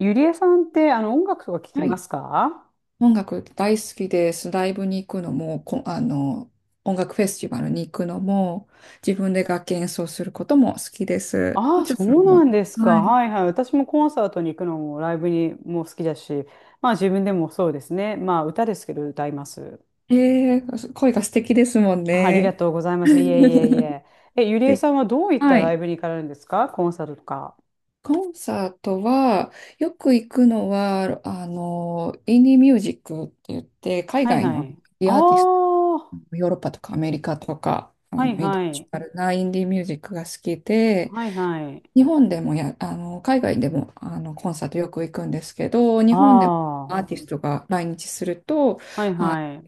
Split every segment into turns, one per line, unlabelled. ゆりえさんって、音楽とか聞き
は
ま
い。
すか？
音楽大好きです。ライブに行くのも、こ、あの、音楽フェスティバルに行くのも、自分で楽器演奏することも好きです。
あ
も
あ、
ちろん
そ
それ
う
も。
なんです
は
か。
い。
はいはい。私もコンサートに行くのも、ライブにも好きだし、まあ自分でもそうですね。まあ歌ですけど歌います。
声が素敵ですもん
あ、ありが
ね。
とうございます。いえいえい え。え、ゆりえ
で、
さんはどういった
は
ラ
い。
イブに行かれるんですか？コンサートとか。
コンサートは、よく行くのは、インディーミュージックって言って、海
はい
外
は
の
い。あ
アーティスト、
あ、
ヨーロッパとかアメリカとか、
はい
インター
は
ナショ
い。
ナルなインディーミュージックが好きで、
はいはい。
日本でもや、あの、海外でも、コンサートよく行くんですけど、日本でも
あ
アー
あ、
ティストが来日すると、
はい
あ、
はい。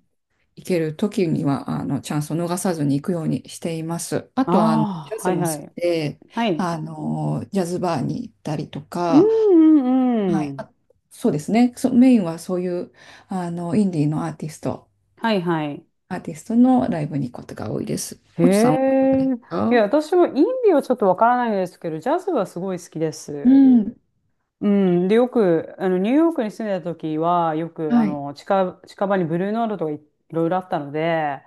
行ける時には、チャンスを逃さずに行くようにしています。あとは、ジ
あ
ャ
あ、は
ズ
い
も好
はい。
きで、
はい。
ジャズバーに行ったりと
うん
か、
う
は
んう
い。
ん。
そうですね。メインはそういう、インディーのアーティスト、
はいはい。
アーティストのライブに行くことが多いです。
へ
おちさんはいかが
え。
です
い
か？
や、私もインディはちょっとわからないですけど、ジャズはすごい好きで
う
す。
ん。
うん。で、よく、ニューヨークに住んでた時は、よく、
はい。
近場にブルーノートとか、いろいろあったので、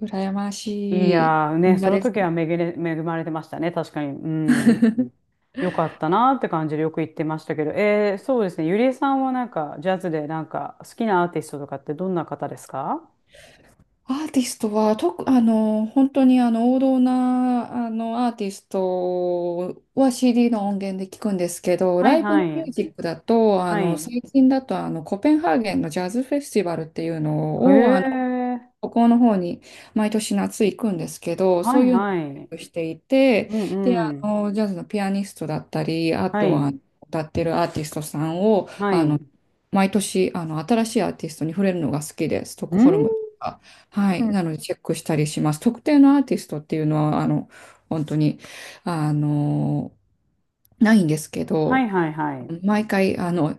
羨ま
い
しい。
やーね、
本
そ
場
の
です
時は
ね。
恵まれてましたね、確かに。うん。よかったなーって感じでよく言ってましたけど、そうですね、ゆりえさんはなんか、ジャズでなんか、好きなアーティストとかってどんな方ですか？
アーティストは、とく、あの、本当に王道な、アーティストは CD の音源で聞くんですけど、
はい
ライブ
は
ミュ
い。
ージックだと、
はい。
最近だと、コペンハーゲンのジャズフェスティバルっていう
へ
のを、
え。
ここの方に毎年夏行くんですけど、
は
そう
い
いうのをチ
は
ェッ
い。
クしていて、
う
で、
ん
あ
うん。
の、ジャズのピアニストだったり、あ
は
とは
い、
歌ってるアーティストさんを、
はい。う
毎年、新しいアーティストに触れるのが好きです。ストックホルムと
ー
か。はい。なの
ん。
で、チェックしたりします。特定のアーティストっていうのは、本当に、あの、ないんですけ
はい、
ど、
はい、はい。
毎回、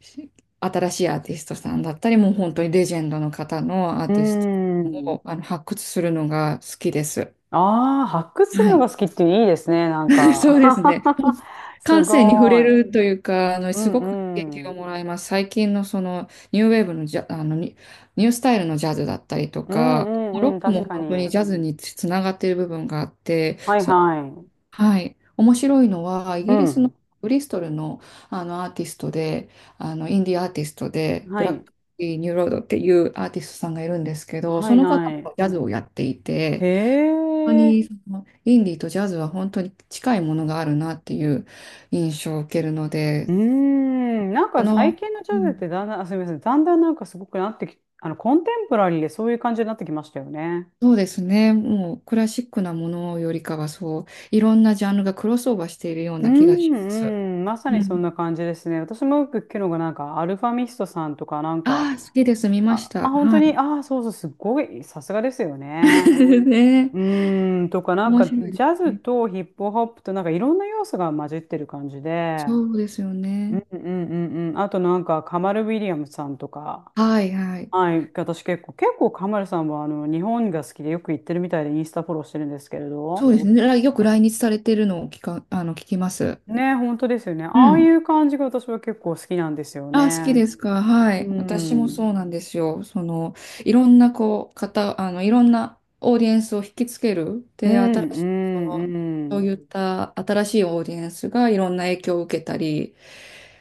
し新しいアーティストさんだったり、もう本当にレジェンドの方のアー
うー
ティスト
ん。
も発掘するのが好きです。
ああ、発掘する
は
の
い。
が好きっていいですね、なん
そ
か。
うですね。
す
感性に触
ご
れ
い。
るというか、
う
すごく刺
ん
激
う
を
ん。
もらいます。最近のそのニューウェーブのジャ、あのニ、ニュースタイルのジャズだったりと
うん
か、
う
ロ
んう
ッ
ん、
ク
確
も
か
本当に
に。
ジャズにつながっている部分があって、
はいはい。
はい、面白いのはイ
う
ギリスの
ん。
ブリストルの、あのアーティストであのインディーアーティストでブ
は
ラック・
い。
ニューロードっていうアーティストさんがいるんですけど、
は
そ
い
の方
はい。
もジャズをやってい
へ
て、本当
え。
にそのインディーとジャズは本当に近いものがあるなっていう印象を受けるの
うー
で、
ん。なん
あ
か最
の、
近のジ
う
ャズっ
ん
てだんだん、あ、すみません。だんだんなんかすごくなってき、コンテンポラリーでそういう感じになってきましたよね。
そうですね。もうクラシックなものよりかは、そういろんなジャンルがクロスオーバーしているよう
う
な気が
ん、
します。
うん、まさ
う
にそん
ん、
な感じですね。私もよく聞くのが、なんか、アルファミストさんとか、なん
あ
か、
あ好きです、見まし
あ、あ、
た。
本当
は
に、
い。
あ、そうそう、すごい、さすがですよね。
ね。
うーん、とか、なん
面
か、ジ
白いです
ャズ
ね。
とヒップホップと、なんか、いろんな要素が混じってる感じで、
そうですよ
う
ね。
ん、うん、うん、うん。あと、なんか、カマル・ウィリアムさんとか、
はいはい。
はい、私結構、カマルさんは、日本が好きでよく行ってるみたいで、インスタフォローしてるんですけれ
そう
ど、
ですね。よく来日されてるのを聞か、あの、聞きます。
ね、本当ですよね。
う
ああい
ん。
う感じが私は結構好きなんですよ
あ、好き
ね。
ですか？は
うん、
い。私も
う
そ
ん、
うなんですよ。その、いろんな、こう、方、あの、いろんなオーディエンスを引きつける。
う
で、新しい、その、そう
ん、
いった新しいオーディエンスがいろんな影響を受けたり、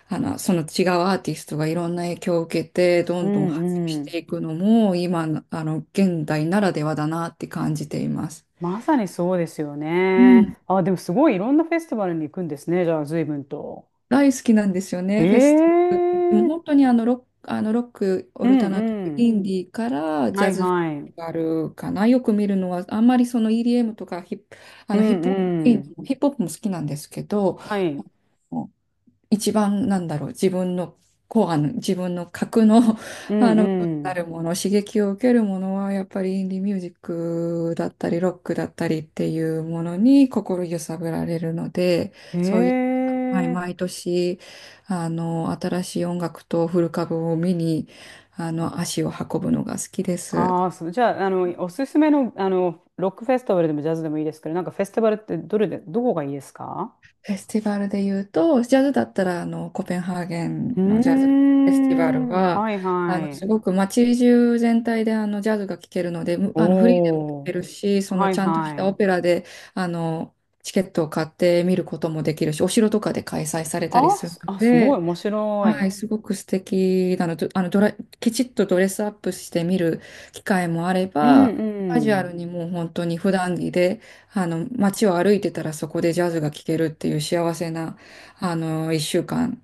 その違うアーティストがいろんな影響を受けて、ど
う
んどん発展
ん、
し
うん。
ていくのも、今の、現代ならではだなって感じています。
まさにそうですよ
う
ね。
ん。
あ、でもすごいいろんなフェスティバルに行くんですね。じゃあ、随分と。
大好きなんですよ
へ
ね、フェスティバル。でも
え。
本当にあのロック、オ
う
ルタナティブ、
ん、う
イ
ん。
ンディーからジ
は
ャ
い、
ズフェス
はい。
テ
う
ィバルかな。よく見るのは、あんまりその EDM とかあ
ん、
のヒップホップ、ヒ
うん。
ップホップも好きなんですけど、
はい。
一番なんだろう、自分の核の、
う
あ
ん、
の、
う
な
ん。
るもの、刺激を受けるものは、やっぱりインディミュージックだったり、ロックだったりっていうものに心揺さぶられるので、
へ
そういう、はい、
え。
毎年、新しい音楽とフル株を見に、足を運ぶのが好きです。
ああ、そう。じゃあ、おすすめの、ロックフェスティバルでもジャズでもいいですけど、なんかフェスティバルってどれで、どこがいいですか？
フェスティバルで言うと、ジャズだったら、コペンハーゲ
うー
ンのジャズフェスティバル
ん。
は、
はい、はい。
すごく街中全体で、ジャズが聴けるので、む
お
あの、フリーでも聴け
お。
るし、その、
はい
ちゃんとし
は
たオ
い。
ペラで、あの、チケットを買って見ることもできるし、お城とかで開催されたりするの
あ、すごい
で、
面白
は
い。
い、すごく素敵なの。どあのドラ、きちっとドレスアップして見る機会もあれ
うん
ば、カジュ
う
アル
ん。
にもう本当に普段着で、街を歩いてたらそこでジャズが聴けるっていう幸せな、あの、一週間、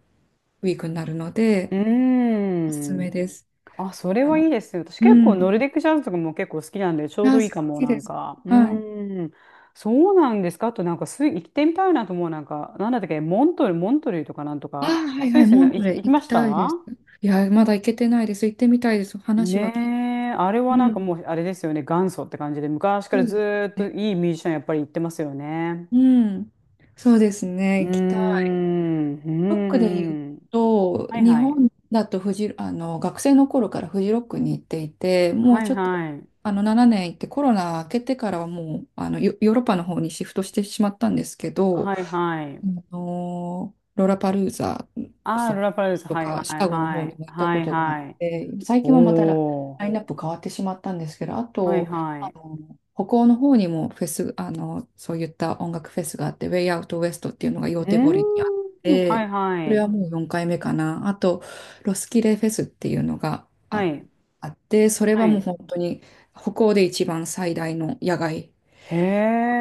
ウィークになるので、
う
おすすめ
ん。
です。
あ、それ
あ
はいい
の、
ですよ、私
う
結構ノ
ん。
ルディックジャズとかも結構好きなんで、ちょう
あ、
ど
好
いいかも、
き
な
で
ん
す。
か。う
はい。
ん。そうなんですか。あとなんかスイ、行ってみたいなと思う、なんか、なんだったっけ、モントル、モントルイとかなんと
あ、
か、
はい
ス
は
イ
い、
スに
モン
行
ト
き
レ
行き
行
ま
き
し
たい
た？
です。いや、まだ行けてないです。行ってみたいです。話は
ね
聞いて。
え、あれ
う
はなんか
ん。
もう、あれですよね、元祖って感じで、昔か
そ
ら
うで
ず
す
ーっと
ね。
いいミュージシャンやっぱり行ってますよね。
うん。そうですね。
うー
行きたい。
ん、う
ロックで言う
ーん。
と、
はい
日
はい。
本だとフジ、あの学生の頃からフジロックに行っていて、もう
はい
ちょっと
はい。
あの7年行って、コロナ明けてからはもうヨーロッパの方にシフトしてしまったんですけど、
はいは
あ
い。
のロラパルーザ
ああ、ル
そ
ラパルーズ。
と
はいは
かシ
い
カゴの
は
方に
い。
も行った
は
こ
い
とがあっ
はい。
て、最
お
近はまたラ
お。
インナップ変わってしまったんですけど、あ
はい
と、
は
あ
い。
の北欧の方にもフェス、あのそういった音楽フェスがあって、ウェイアウトウエストっていうのが
う
ヨーテボリにあっ
ーん。はい
て、それ
は
は
い。
もう4回目かな。あと、ロスキレフェスっていうのが
はい。
あって、それ
は
はもう
い。
本当に北欧で一番最大の野外
へ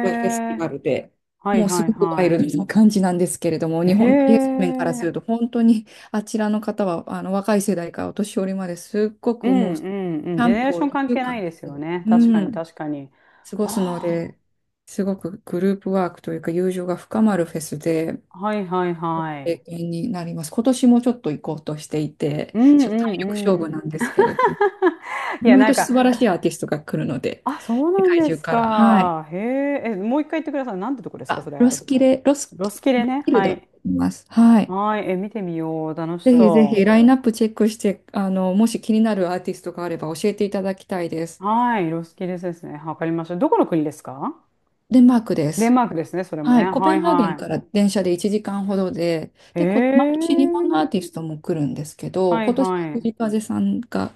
フェス、
はい
もうす
はい
ごくワイ
は
ルドな感じなんですけれども、
い。
日
へ
本、イエスメンからすると、
え。
本当にあちらの方は、あの若い世代からお年寄りまですっご
う
くもう、
ん
キ
うんうん。ジ
ャ
ェ
ン
ネレー
プ
シ
を
ョン
2
関
週
係ない
間
で
し
すよ
て、
ね。確か
う
に
ん、
確かに。
過ごすの
あ
で、すごくグループワークというか、友情が深まるフェスで、
あ。はいはいは
経
い。
験になります。今年もちょっと行こうとしていて、
うんう
ちょっと体力勝負
んう
な
ん。
んですけれども、
いや、
毎
なん
年
か、
素晴らしいアーティストが来るので、
あ、そう
世
なん
界
で
中
す
から。はい。
か。へえ。え、もう一回言ってください。なんてとこですか、
あ、
そ
ロ
れ。
スキレ、ロス
ロ
キ、
スキレ
ロ
ね。
スキル
は
ドって
い。
言います。はい。
はい。え、見てみよう。楽し
ぜひぜ
そ
ひラインナップチェックして、もし気になるアーティストがあれば教えていただきたいです。
う。はい。ロスキレですね。わかりました。どこの国ですか？
デンマークで
デン
す。
マークですね。それも
は
ね。
い、コペ
はい
ンハーゲンか
は
ら電車で1時間ほどで、
い。へ
毎年日本の
え。
アーティストも来るんですけど、
はい
今年
はい。
藤風さんが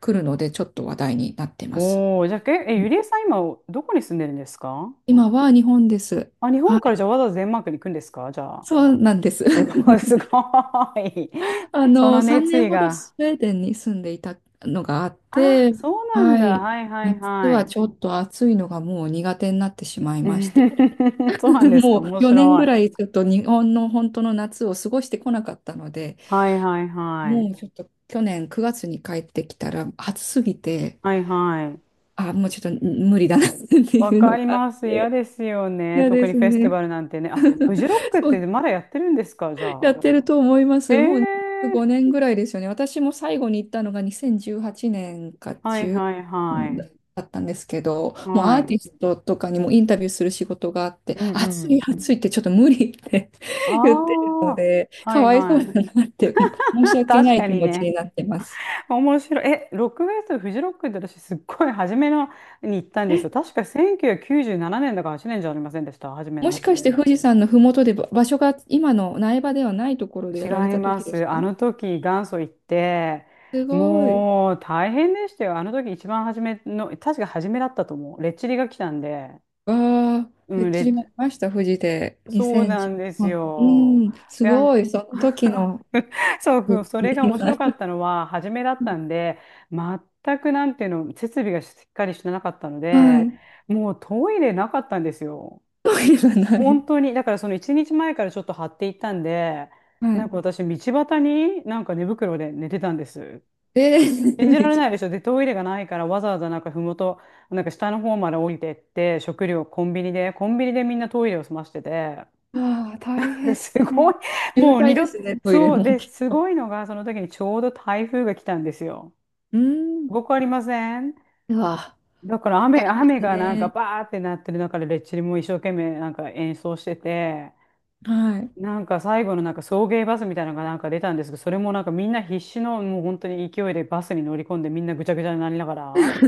来るので、ちょっと話題になってます。
おー。じゃあ、え、ゆりえさん今、どこに住んでるんですか？
今は日本です。
あ、日
は
本
い、
からじゃあわざわざデンマークに行くんですかじゃあ。
そうなんです。
すごい、す ごい。
あ
そ
の、
の
3
熱
年
意
ほど
が。
スウェーデンに住んでいたのがあっ
あ、
て、
そうなん
は
だ。
い。
はいはい
夏
は
は
い。
ちょっと暑いのがもう苦手になってしまいまして、
そうなんで すか。
も
面
う4年
白
ぐ
い。
らいちょっと日本の本当の夏を過ごしてこなかったので、
はいはいは
も
い。
うちょっと去年9月に帰ってきたら暑すぎて、
はいはい。
あ、もうちょっと無理だなって
わ
いう
か
の
り
があっ
ます。嫌
て、
ですよね。
嫌
特
で
に
す
フェスティ
ね。
バルなんてね。あ、フ ジロックっ
そ
て
う
まだやってるんですか、じゃ
やっ
あ。
てると思いま
え
す。もう
え、
5年ぐらいですよね。私も最後に行ったのが2018年か
はい
10
はいはい。
だったんですけど、もうア
は
ー
い。
ティストとかにもインタビューする仕事があって、
うん
暑
う
い
ん。
暑いってちょっと無理って
あ
言ってるの
あ、
で、
は
か
い
わいそ
は
うだなって
い。
申し 訳
確
ない
か
気
に
持ちに
ね。
なってます。
面白い。え、ロックフェス、フジロックって私すっごい初めのに行ったんですよ。確か1997年だから8年じゃありませんでした、初め
も
の
し
っ
かして
て。
富士山のふもとで場所が今の苗場ではないところで
違
やられ
い
た
ま
時です
す。あ
か？
の時元祖行って、
すごい。
もう大変でしたよ。あの時一番初めの、確か初めだったと思う。レッチリが来たんで、
わあ、
う
フェッ
ん、レ
チリ
ッ
も
チ、
見ました、富士で。に
そう
せん
な
じ
んで
ゅう
す
あ、
よ。
2 0、うん、す
で、
ごい、その時 の
そう、
復
それが
帰が
面
な
白かっ
い。
たのは、初めだったんで、全くなんていうの、設備がしっかりしてなかったの
は
で、
い。
もうトイレなかったんですよ。
時がない。
本当に、だからその一日前からちょっと張っていったんで、
は
なん
い。
か私、道端になんか寝袋で寝てたんです。
え
信じられ
ー。
ないでしょ。で、トイレがないからわざわざなんかふもと、なんか下の方まで降りてって、食料コンビニで、コンビニでみんなトイレを済ましてて、
ああ、大 変。
すごい、
渋
もう二
滞
度、
ですね、トイレ
そう
も
で、
きっ
す
と。
ごいのが、その時にちょうど台風が来たんですよ。
う
す
ん。
ごくありません？
うわ、
だから
大変です
雨がなんか
ね。
バーってなってる中で、レッチリも一生懸命なんか演奏してて、
はい。
なんか最後のなんか送迎バスみたいなのがなんか出たんですけど、それもなんかみんな必死のもう本当に勢いでバスに乗り込んでみんなぐちゃぐちゃになりながら、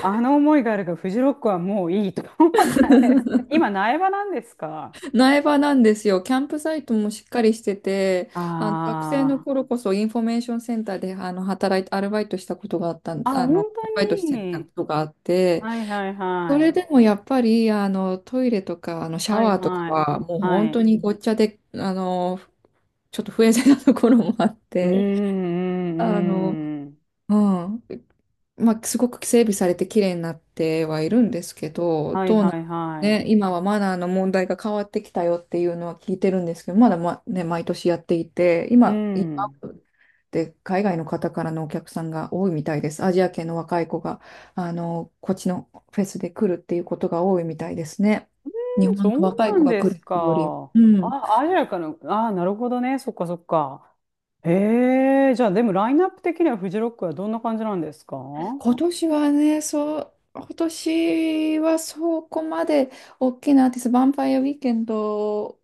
あの思いがあるからフジロックはもういいとか思ったんです。今苗場なんですか？
苗場なんですよ。キャンプサイトもしっかりしてて、
あ
あの学生の頃こそインフォメーションセンターで働いて、アルバイトしたことがあったん、
あー、あ、本
ア
当
ルバイトしてた
に。
ことがあって、
はいはい
そ
は
れ
い。
でもやっぱりあのトイレとかあのシャ
はい
ワーとか
はい。
はもう本
は
当
い。
にごっちゃでちょっと不衛生なところもあっ
うーんう
て、あの、
んうん。
うん、まあ、すごく整備されて綺麗になってはいるんですけど
はい
どう
は
なん
いはい。
ね、今はマナーの問題が変わってきたよっていうのは聞いてるんですけどまだ、ま、ね、毎年やっていて
う
今
ん。
で、海外の方からのお客さんが多いみたいです。アジア系の若い子が、こっちのフェスで来るっていうことが多いみたいですね。日本
そ
の
う
若
な
い子
ん
が
で
来
す
るっていうより、
か。
うん。
あ、アジアかの、ああ、なるほどね。そっかそっか。ええ、じゃあでもラインナップ的にはフジロックはどんな感じなんですか？う
今年はね、そう、今年はそこまで大きなアーティスト、ヴァンパイアウィーケンド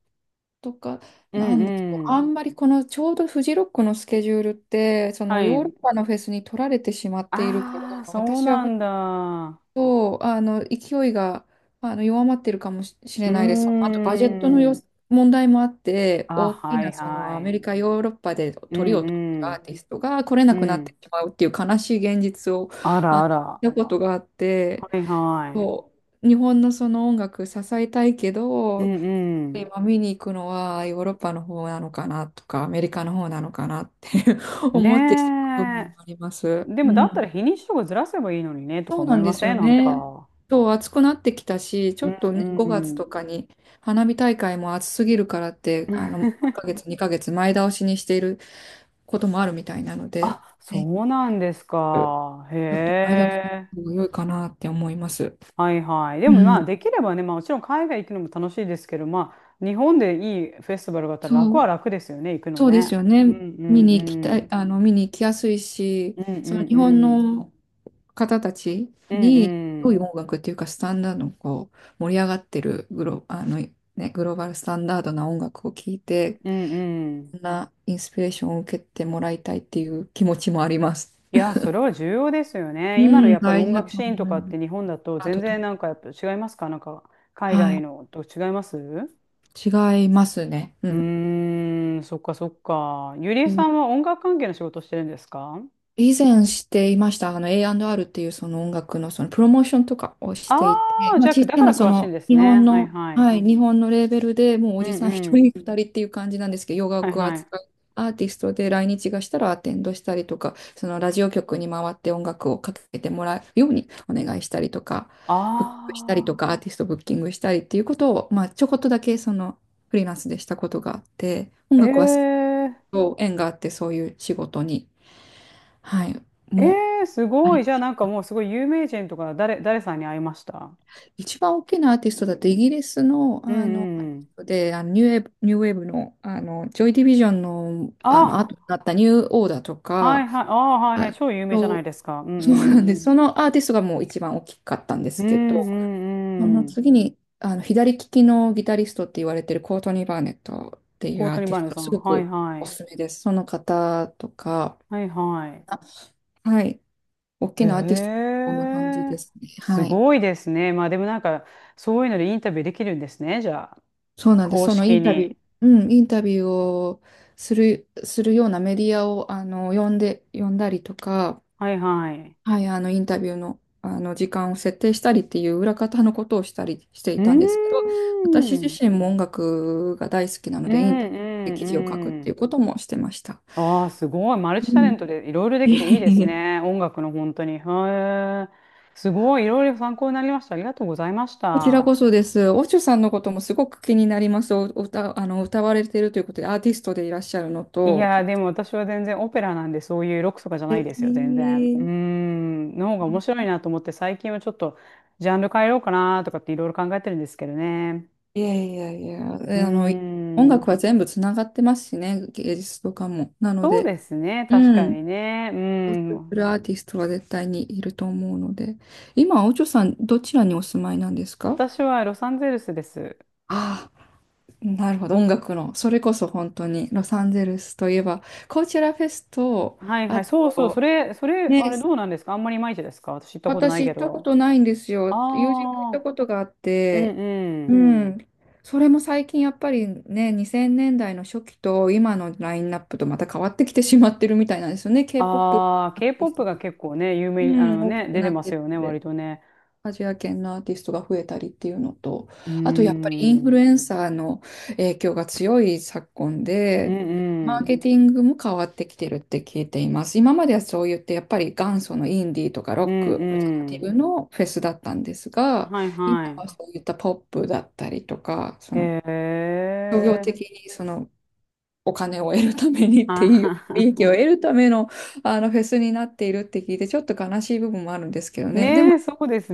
とか、
ん
なんでしょう、
う
あん
ん。
まりこのちょうどフジロックのスケジュールって、そ
は
のヨーロ
い。
ッパのフェスに取られてしまっているから、
ああ、そう
私は
なんだ。
そう、勢いが、弱まってるかもしし
う
れ
ー
ないです。あと、バジェットの
ん。
問題もあって、
あ、
大き
は
な、
い
ア
は
メリ
い。
カ、ヨーロッパで
う
鳥を取っる
んう
ア
ん。
ーティストが来れな
う
くなって
ん。
しまうっていう悲しい現実を、
あ
あ
ら
の、
あら。
見たことがあって、
はいは
そう、日本のその音楽支えたいけ
い。う
ど、
んうん。
今見に行くのはヨーロッパの方なのかなとか、アメリカの方なのかなって 思ってしまう部分
ね
もあります。
え。で
う
もだった
ん。
ら日にちとかずらせばいいのにね、とか
そう
思
な
い
ん
ま
です
せ
よ
んなん
ね。
か。
そう、暑くなってきたし、ちょ
うん
っとね、5
う
月
ん。
とかに花火大会も暑すぎるからって、あの、1ヶ 月、2ヶ月前倒しにしていることもあるみたいなので、
あ、
ね、
そうなんです
ち
か。へ
ょっと前倒しの
え。
方が良いかなって思います。
はいはい。で
う
もまあ
ん、
できればね、まあもちろん海外行くのも楽しいですけど、まあ日本でいいフェスティバルがあったら楽
そ
は
う、
楽ですよね、行くの
そうです
ね。
よ
う
ね。
んうん
見に行き
う
た
ん。
い、見に行きやすいし、
うんう
その
ん
日本
うん。
の方たち
うん
に、
う
良い
ん。
音楽っていうか、スタンダードのこう、盛り上がってるグロ、あの、ね、グローバルスタンダードな音楽を聴いて、
うんうん。
そんなインスピレーションを受けてもらいたいっていう気持ちもあります。
いや、それは重要ですよ
う
ね。今の
ん、
やっぱり
大
音
事だ
楽
と
シ
思
ーンと
い
か
ま
っ
す。
て日本だと
アー
全
トと
然
か。
やっぱ違いますか？海
は
外
い。
のと違いますう、
違いますね。うん。
そっかそっか。ゆりえ
そ
さ
う、
んは音楽関係の仕事してるんですか？
以前していました。A&R っていうその音楽のそのプロモーションとかをし
あ
ていて、
あー、
ま
じ
あ、
ゃ
ち
あ、
っ
だ
ちゃ
から
なそ
詳しいん
の
です
日
ね。
本
はい
の、
は
は
い。
い、日本のレーベルでもうお
う
じ
ん
さん一
うん。
人二人っていう感じなんですけど、洋
はい
楽を
はい。
扱うアーティストで来日がしたらアテンドしたりとか、そのラジオ局に回って音楽をかけてもらうようにお願いしたりとか、ブックしたりと
あ
か、アーティストブッキングしたりっていうことを、まあ、ちょこっとだけそのフリーランスでしたことがあって、音
あ、
楽はそ
ええ
う縁があってそういう仕事に。はい。
え
も
えすごい。じゃあもうすごい有名人とか誰、誰さんに会いました？
う、一番大きなアーティストだとイギリスの、
うんうん。
で、ニューウェーブの、ジョイ・ディビジョンの、
あ、
後になったニューオーダーと
はい
か、
はい。ああ、はいは
あ
い。超有名じゃない
と、
ですか。うん
そう
う
なん
ん。
です。そのアーティストがもう一番大きかったんで
う
すけ
んう
ど、その
んうん。
次に、左利きのギタリストって言われてるコートニー・バーネットってい
コ
う
ー
アー
トニー・
テ
バ
ィ
ー
ス
ヌ
ト、
さ
す
ん。
ご
はい
く
は
お
い。
すすめです。その方とか、
はいはい。
はい。大
へ
きなアーティスト、こんな感じ
え、
ですね。
す
はい。
ごいですね。まあでもなんか、そういうのでインタビューできるんですね。じゃあ、
そうなんです。
公
そのイ
式
ンタビュ
に。
ー、うん、インタビューをするようなメディアを、呼んで、呼んだりとか、
はいはい。
はい、インタビューの、時間を設定したりっていう裏方のことをしたりして
う
いたん
ー
ですけど、私自
ん。
身も音楽が大好きな
う
の
んう
で、インタビューで記事を書くっ
んう
て
ん。
いうこともしてました。
ああ、すごい。マルチ
う
タレ
ん。
ントでいろいろ で
い
き
え
ていい
い
で
えい
す
え、
ね。音楽の本当に。へえ。すごい。いろいろ参考になりました。ありがとうございまし
こちらこ
た。
そです。オチュさんのこともすごく気になります。お歌、歌われているということで、アーティストでいらっしゃるの
い
と、
やー、で
素
も私は全然オペラなんで、そういうロックとかじゃない
敵。
ですよ、全然。うーん、の方が面白いなと思って、最近はちょっとジャンル変えようかなとかっていろいろ考えてるんですけどね。
いやいやいや、
うー
えあの、い音
ん、
楽は全部つながってますしね、芸術とかも。なの
そう
で、
ですね、確
う
か
ん。
にね。うー
そうす
ん、
るアーティストは絶対にいると思うので。今、おちょさん、どちらにお住まいなんですか？
私はロサンゼルスです。
ああ、なるほど、音楽の。それこそ本当に、ロサンゼルスといえば、コーチェラフェスと、
はいは
あ
い。そうそう。そ
と、
れ、それ、
ね、
あれどうなんですか？あんまりいまいちですか？私行ったことない
私
け
行ったこ
ど。
とないんです
あ
よ。友人と行った
あ、
ことがあっ
うん
て、
う
うう
ん。
ん。ん。それも最近やっぱりね、2000年代の初期と今のラインナップとまた変わってきてしまってるみたいなんですよね。K-POP
ああ、
アーティス
K-POP が
ト、
結構ね、有
う
名に、あ
ん、
の
大き
ね、
く
出て
なっ
ま
て
す
る
よね、
の
割
で。
とね。
アジア圏のアーティストが増えたりっていうのと、
うーん。
あとやっぱりイン
う
フルエ
ん
ンサーの影響が強い昨今
う
で、マー
ん。
ケティングも変わってきてるって聞いています。今まではそう言ってやっぱり元祖のインディーとかロ
う
ッ
ん
ク、オルタナ
う
ティ
ん。
ブのフェスだったんですが、
はい
今は
は
そういったポップだったりとか、そ
い。
の
へ
商業
え。
的にそのお金を得るためにって
あ
いう、
は
利益を
は。
得るための、あのフェスになっているって聞いて、ちょっと悲しい部分もあるんですけどね。でも、
ねえ、そうです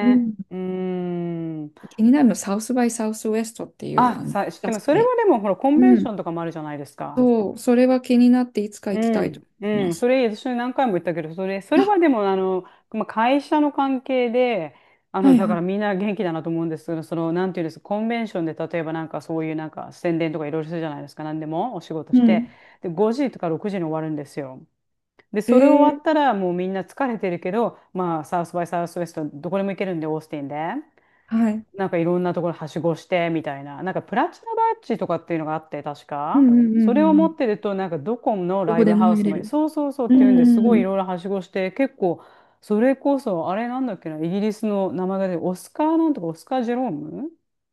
うん、
うーん。
気になるの、サウスバイサウスウエストっていう、
あ、さ、知って
出
ま
す
す。それ
で。
はでも、ほら、コンベン
う
ショ
ん。
ンとかもあるじゃないですか。
そう、それは気になっていつか
う
行きたいと
ん、
思い
う
ま
ん、そ
す。
れ、私何回も言ったけど、それ、それ
あ、
はでも、まあ、会社の関係で、
はい
だ
は
から
い。
みんな元気だなと思うんですけど、その、なんていうんですか、コンベンションで、例えばなんかそういうなんか宣伝とかいろいろするじゃないですか、何でもお仕事
う
して、
ん。
で、5時とか6時に終わるんですよ。で、
え
それ終わった
ー、
ら、もうみんな疲れてるけど、まあ、サウスバイサウスウェスト、どこでも行けるんで、オースティンで。
はい。
いろんなところはしごしてみたいな、プラチナバッジとかっていうのがあって、確
う
か。
んうん
そ
うん
れを
うんう
持っ
ん。
てると、ドコモの
ど
ライ
こ
ブ
でも
ハウ
入
ス
れ
も、
る。
そうそうそうっ
う
ていうんで、すごいい
ん、
ろいろはしごして、結構、それこそ、あれなんだっけな、イギリスの名前が出て、オスカーなんとか、オスカー・ジェローム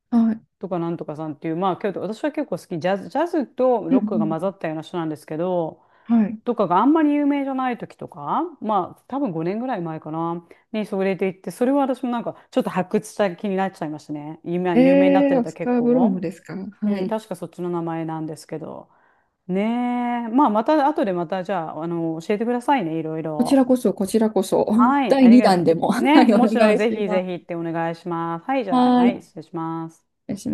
はい。
とかなんとかさんっていう、まあ、けど私は結構好き、ジャズ、ジャズと
うん
ロックが混
う
ざ
ん、
ったような人なんですけど、
はい。
とかがあんまり有名じゃない時とか、まあ、多分5年ぐらい前かな、にそれで行って、それは私も、ちょっと発掘した気になっちゃいましたね。今、有名になって
えー、
る
オ
と
ス
結
カー・ブローム
構。
ですか？は
うん、
い。
確かそっちの名前なんですけど。ねえ。まあ、また、後でまた、じゃあ、あの、教えてくださいね、いろい
こちら
ろ。
こそ、こちらこそ、
はい、
第
ありが
2
と
弾で
う。
も、は
ね、
い、お
もちろん、
願い
ぜ
し
ひ
ま
ぜひ
す。
ってお願いします。はい、じゃあ、
はい。
は
お
い、
願
失礼します。
いします